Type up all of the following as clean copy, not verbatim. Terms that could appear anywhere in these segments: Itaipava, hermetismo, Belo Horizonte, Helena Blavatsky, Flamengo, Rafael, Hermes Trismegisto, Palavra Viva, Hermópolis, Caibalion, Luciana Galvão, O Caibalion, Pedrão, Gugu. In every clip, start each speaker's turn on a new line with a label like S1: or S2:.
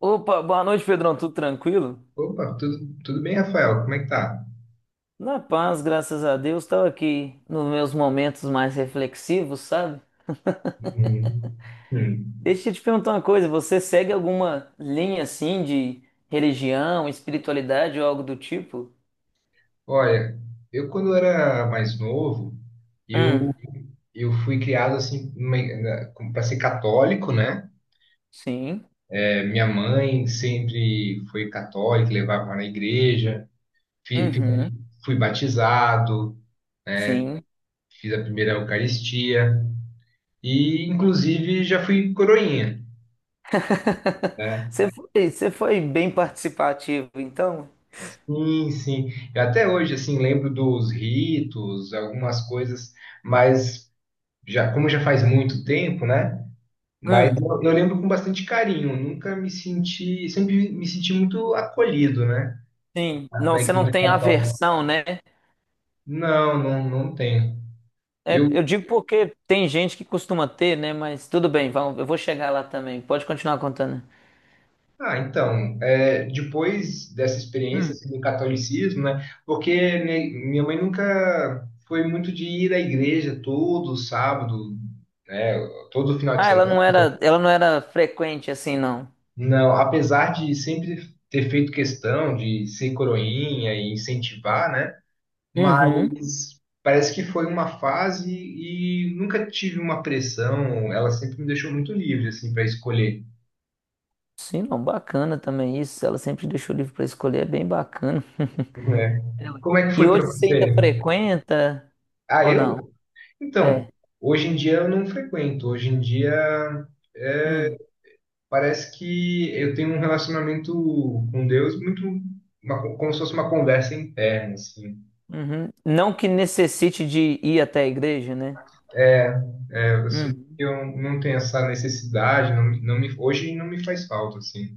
S1: Opa, boa noite, Pedrão. Tudo tranquilo?
S2: Opa, tudo bem, Rafael? Como é que tá?
S1: Na paz, graças a Deus. Estava aqui nos meus momentos mais reflexivos, sabe?
S2: Hum, hum.
S1: Deixa eu te perguntar uma coisa: você segue alguma linha assim de religião, espiritualidade ou algo do tipo?
S2: Olha, eu quando era mais novo, eu,
S1: Hum,
S2: eu fui criado assim para ser católico, né?
S1: sim.
S2: É, minha mãe sempre foi católica, levava na igreja, fi- fi-
S1: Uhum,
S2: fui batizado,
S1: sim.
S2: fiz a primeira Eucaristia e, inclusive, já fui coroinha, né?
S1: Você foi bem participativo, então?
S2: Sim, sim. Eu até hoje, assim, lembro dos ritos, algumas coisas, mas já, como já faz muito tempo, né? Mas
S1: Hum,
S2: eu lembro com bastante carinho, nunca me senti, sempre me senti muito acolhido, né?
S1: sim. Não,
S2: Na
S1: você não
S2: Igreja
S1: tem
S2: Católica.
S1: aversão, né?
S2: Não, não, não tenho.
S1: É,
S2: Eu,
S1: eu digo porque tem gente que costuma ter, né? Mas tudo bem, vamos, eu vou chegar lá também. Pode continuar contando.
S2: ah, então, depois dessa experiência
S1: Hum.
S2: assim, do catolicismo, né? Porque minha mãe nunca foi muito de ir à igreja todo sábado, né? Todo final de
S1: Ah, ela
S2: semana.
S1: não era, ela não era frequente assim, não.
S2: Não, apesar de sempre ter feito questão de ser coroinha e incentivar, né?
S1: Uhum.
S2: Mas parece que foi uma fase e nunca tive uma pressão. Ela sempre me deixou muito livre assim para escolher,
S1: Sim, não, bacana também isso. Ela sempre deixou o livro para escolher, é bem bacana.
S2: né?
S1: Ela-
S2: Como é que
S1: E
S2: foi para
S1: hoje você ainda
S2: você?
S1: frequenta
S2: Ah,
S1: ou não?
S2: eu? Então,
S1: É.
S2: hoje em dia eu não frequento. Hoje em dia é,
S1: Hum,
S2: parece que eu tenho um relacionamento com Deus muito como se fosse uma conversa interna, assim.
S1: uhum. Não que necessite de ir até a igreja, né?
S2: É, é, assim,
S1: Hum.
S2: eu não tenho essa necessidade, não, hoje não me faz falta, assim.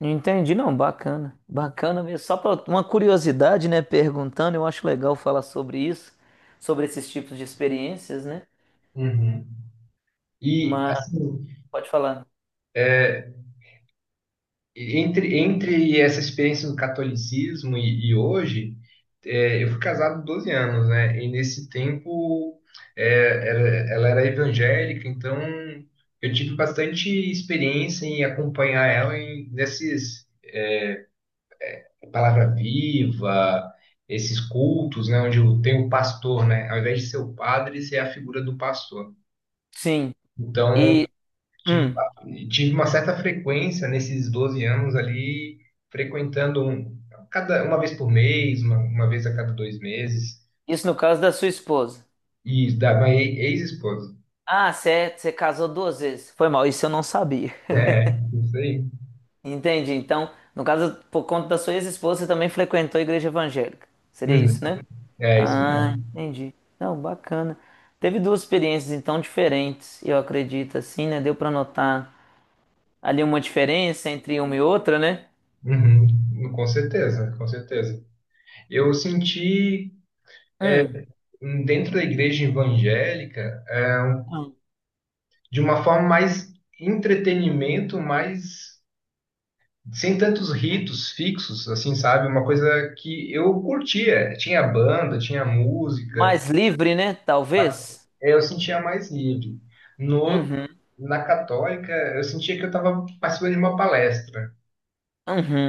S1: Entendi, não, bacana. Bacana mesmo. Só para uma curiosidade, né? Perguntando, eu acho legal falar sobre isso, sobre esses tipos de experiências, né?
S2: Uhum. E,
S1: Mas
S2: assim,
S1: pode falar.
S2: entre essa experiência do catolicismo e hoje, eu fui casado 12 anos, né? E nesse tempo, ela era evangélica, então eu tive bastante experiência em acompanhar ela nesses Palavra Viva, esses cultos, né? Onde tem o pastor, né? Ao invés de ser o padre, ser a figura do pastor.
S1: Sim.
S2: Então,
S1: E
S2: Tive,
S1: hum,
S2: tive uma certa frequência nesses 12 anos ali, frequentando uma vez por mês, uma vez a cada dois meses,
S1: isso no caso da sua esposa.
S2: e da minha ex-esposa.
S1: Ah, você casou duas vezes. Foi mal, isso eu não sabia.
S2: É, isso aí.
S1: Entendi. Então, no caso, por conta da sua ex-esposa, você também frequentou a igreja evangélica. Seria
S2: Uhum.
S1: isso, né?
S2: É isso
S1: Ah,
S2: mesmo.
S1: entendi. Não, bacana. Teve duas experiências então diferentes, eu acredito, assim, né? Deu para notar ali uma diferença entre uma e outra, né?
S2: Uhum. Com certeza, com certeza. Eu senti
S1: Hum,
S2: dentro da igreja evangélica,
S1: hum.
S2: de uma forma mais entretenimento, mais sem tantos ritos fixos, assim, sabe? Uma coisa que eu curtia. Tinha banda, tinha música,
S1: Mais livre, né? Talvez.
S2: eu sentia mais livre. No,
S1: Uhum,
S2: na católica, eu sentia que eu estava participando de uma palestra.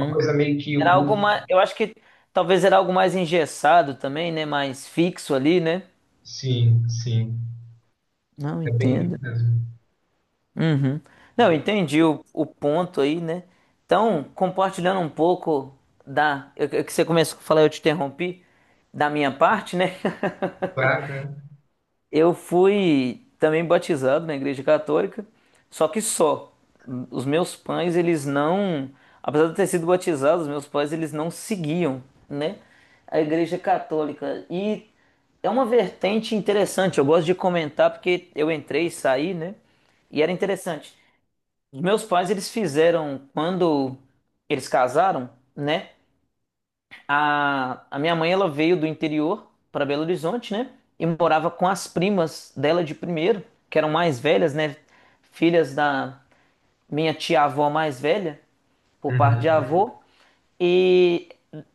S2: Uma coisa meio que...
S1: Era algo mais, eu acho que talvez era algo mais engessado também, né? Mais fixo ali, né?
S2: Sim, sim.
S1: Não,
S2: É bem isso
S1: entendo.
S2: mesmo.
S1: Uhum. Não, eu entendi o ponto aí, né? Então, compartilhando um pouco da, que você começou a falar, eu te interrompi, da minha parte, né?
S2: Claro, né?
S1: Eu fui também batizado na Igreja Católica, só que só. Os meus pais, eles não, apesar de eu ter sido batizado, os meus pais, eles não seguiam, né, a Igreja Católica. E é uma vertente interessante, eu gosto de comentar porque eu entrei e saí, né? E era interessante. Os meus pais, eles fizeram quando eles casaram, né? A minha mãe, ela veio do interior para Belo Horizonte, né? E morava com as primas dela de primeiro, que eram mais velhas, né? Filhas da minha tia-avó mais velha, por parte de
S2: Uhum,
S1: avô. E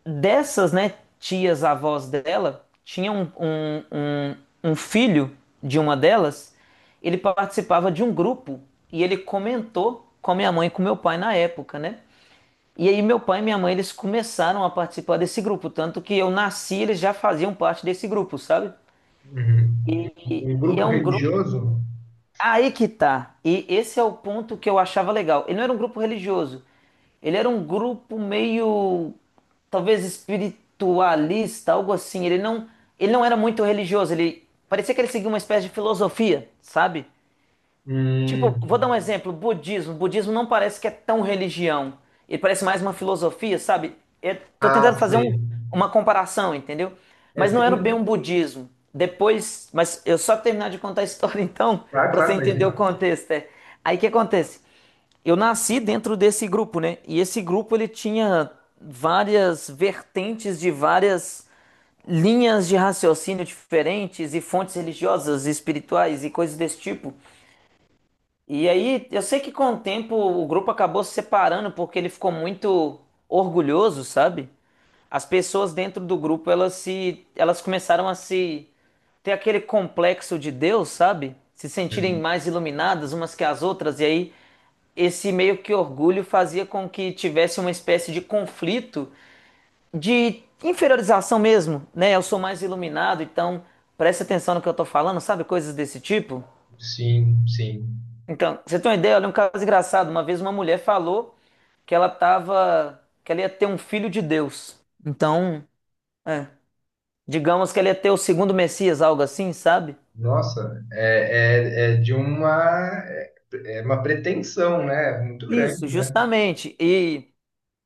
S1: dessas, né, tias avós dela, tinha um filho de uma delas, ele participava de um grupo e ele comentou com a minha mãe e com meu pai na época, né? E aí meu pai e minha mãe, eles começaram a participar desse grupo, tanto que eu nasci, eles já faziam parte desse grupo, sabe?
S2: uhum.
S1: E,
S2: Um
S1: e
S2: grupo
S1: é um grupo.
S2: religioso?
S1: Aí que tá. E esse é o ponto que eu achava legal. Ele não era um grupo religioso. Ele era um grupo meio, talvez espiritualista, algo assim. Ele não era muito religioso. Ele parecia que ele seguia uma espécie de filosofia, sabe? Tipo,
S2: Hum,
S1: vou dar um exemplo, budismo. Budismo não parece que é tão religião. Ele parece mais uma filosofia, sabe? Eu tô
S2: ah,
S1: tentando fazer
S2: sei.
S1: uma comparação, entendeu?
S2: É,
S1: Mas não era bem
S2: tem...
S1: um budismo. Depois, mas eu só terminar de contar a história então,
S2: Claro,
S1: pra você
S2: claro, mas...
S1: entender o contexto. É. Aí o que acontece? Eu nasci dentro desse grupo, né? E esse grupo ele tinha várias vertentes de várias linhas de raciocínio diferentes e fontes religiosas, espirituais e coisas desse tipo. E aí, eu sei que com o tempo o grupo acabou se separando porque ele ficou muito orgulhoso, sabe? As pessoas dentro do grupo, elas começaram a se ter aquele complexo de Deus, sabe? Se sentirem
S2: Uhum.
S1: mais iluminadas umas que as outras e aí esse meio que orgulho fazia com que tivesse uma espécie de conflito de inferiorização mesmo, né? Eu sou mais iluminado, então preste atenção no que eu tô falando, sabe? Coisas desse tipo.
S2: Sim, sim.
S1: Então, você tem uma ideia? Olha, um caso engraçado. Uma vez uma mulher falou que ela ia ter um filho de Deus. Então, é, digamos que ela ia ter o segundo Messias, algo assim, sabe?
S2: Nossa, é, é, é de uma, é é uma pretensão, né? Muito grande,
S1: Isso,
S2: né?
S1: justamente. E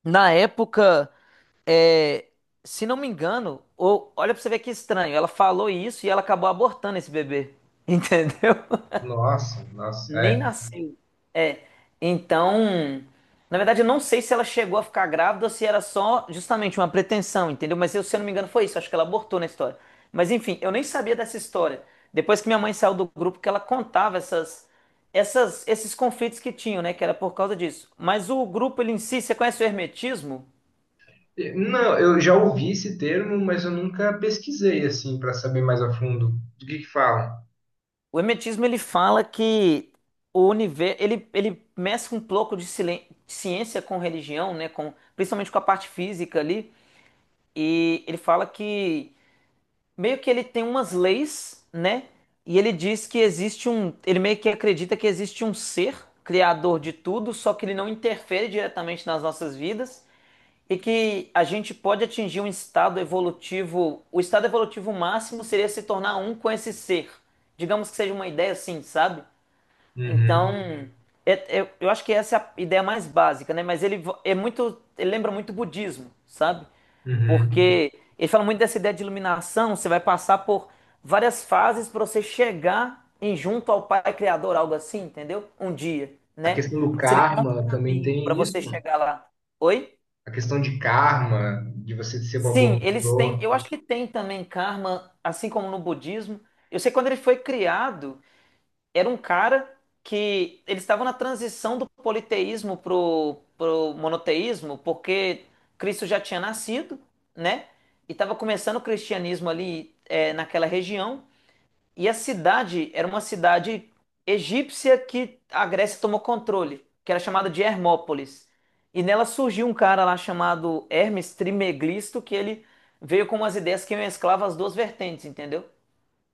S1: na época, é, se não me engano, ou, olha pra você ver que estranho, ela falou isso e ela acabou abortando esse bebê. Entendeu?
S2: Nossa, nossa,
S1: Nem
S2: é.
S1: nasceu. É. Então, na verdade, eu não sei se ela chegou a ficar grávida ou se era só justamente uma pretensão, entendeu? Mas eu, se eu não me engano, foi isso. Acho que ela abortou na história. Mas enfim, eu nem sabia dessa história. Depois que minha mãe saiu do grupo, que ela contava esses conflitos que tinham, né? Que era por causa disso. Mas o grupo, ele em si, você conhece o hermetismo?
S2: E, não, eu já ouvi esse termo, mas eu nunca pesquisei assim para saber mais a fundo do que falam.
S1: O hermetismo, ele fala que o universo, ele mescla um pouco de ciência com religião, né? Com, principalmente com a parte física ali. E ele fala que meio que ele tem umas leis, né? E ele diz que existe um. Ele meio que acredita que existe um ser criador de tudo, só que ele não interfere diretamente nas nossas vidas e que a gente pode atingir um estado evolutivo. O estado evolutivo máximo seria se tornar um com esse ser. Digamos que seja uma ideia assim, sabe?
S2: Uhum,
S1: Então, eu acho que essa é a ideia mais básica, né? Mas ele é muito. Ele lembra muito o budismo, sabe?
S2: uhum.
S1: Porque ele fala muito dessa ideia de iluminação, você vai passar por várias fases para você chegar em junto ao Pai Criador, algo assim, entendeu? Um dia,
S2: A
S1: né?
S2: questão do
S1: Mas seria um longo
S2: karma também
S1: caminho para
S2: tem
S1: você
S2: isso?
S1: chegar lá. Oi?
S2: A questão de karma, de você ser uma boa
S1: Sim, eles têm,
S2: pessoa.
S1: eu acho que tem também karma, assim como no budismo. Eu sei que quando ele foi criado, era um cara que eles estavam na transição do politeísmo pro monoteísmo, porque Cristo já tinha nascido, né? E estava começando o cristianismo ali naquela região. E a cidade era uma cidade egípcia que a Grécia tomou controle, que era chamada de Hermópolis. E nela surgiu um cara lá chamado Hermes Trismegisto, que ele veio com umas ideias que mesclavam as duas vertentes, entendeu?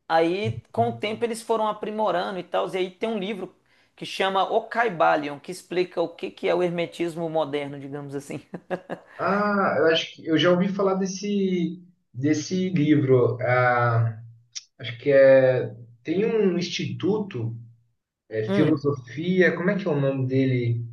S1: Aí, com o tempo, eles foram aprimorando e tal. E aí tem um livro que chama O Caibalion, que explica o que que é o hermetismo moderno, digamos assim.
S2: Ah, eu acho que eu já ouvi falar desse livro. Ah, acho que tem um instituto. É,
S1: Hum,
S2: filosofia, como é que é o nome dele?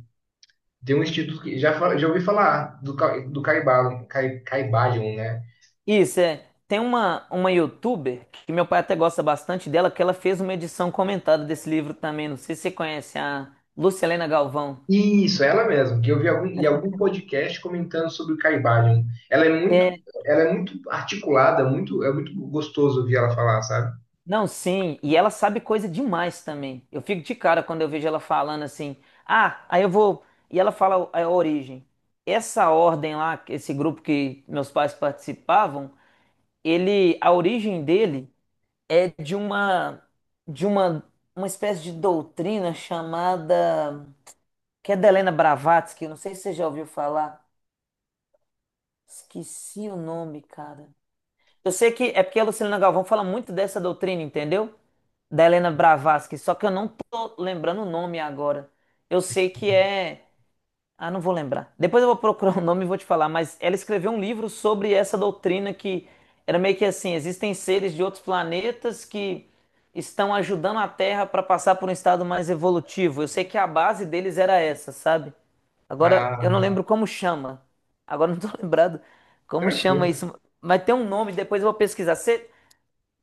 S2: Tem um instituto que já ouvi falar do Caibalion, Caibalion, né?
S1: isso é. Tem uma youtuber que meu pai até gosta bastante dela, que ela fez uma edição comentada desse livro também. Não sei se você conhece a Luciana Galvão.
S2: Isso, ela mesmo, que eu vi em algum podcast comentando sobre o Caibalion. Ela é muito,
S1: É,
S2: ela é muito articulada, é muito gostoso ouvir ela falar, sabe?
S1: não, sim, e ela sabe coisa demais também. Eu fico de cara quando eu vejo ela falando assim: "Ah, aí eu vou". E ela fala a origem. Essa ordem lá, esse grupo que meus pais participavam, ele, a origem dele é de uma espécie de doutrina chamada que é da Helena Blavatsky, eu não sei se você já ouviu falar. Esqueci o nome, cara. Eu sei que é porque a Lucilena Galvão fala muito dessa doutrina, entendeu? Da Helena Blavatsky, só que eu não tô lembrando o nome agora. Eu sei que é. Ah, não vou lembrar. Depois eu vou procurar o nome e vou te falar, mas ela escreveu um livro sobre essa doutrina que era meio que assim: existem seres de outros planetas que estão ajudando a Terra para passar por um estado mais evolutivo. Eu sei que a base deles era essa, sabe? Agora eu não
S2: Ah,
S1: lembro como chama. Agora eu não tô lembrado como chama
S2: tranquilo.
S1: isso. Mas tem um nome, depois eu vou pesquisar. Você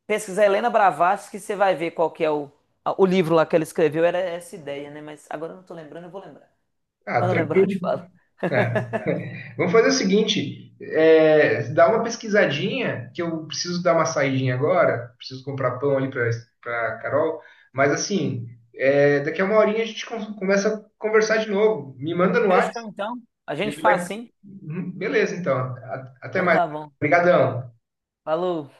S1: Pesquisar Helena Blavatsky, que você vai ver qual que é o livro lá que ela escreveu, era essa ideia, né? Mas agora eu não tô lembrando, eu vou lembrar.
S2: Ah,
S1: Quando eu lembrar, eu te falo.
S2: tranquilo. É. Vamos fazer o seguinte, dá uma pesquisadinha, que eu preciso dar uma saidinha agora, preciso comprar pão ali para Carol, mas assim, daqui a uma horinha a gente começa a conversar de novo. Me manda no WhatsApp,
S1: Fechou, então. A
S2: a
S1: gente
S2: gente
S1: faz assim.
S2: Uhum, beleza, então. Até
S1: Então
S2: mais.
S1: tá bom.
S2: Obrigadão.
S1: Falou.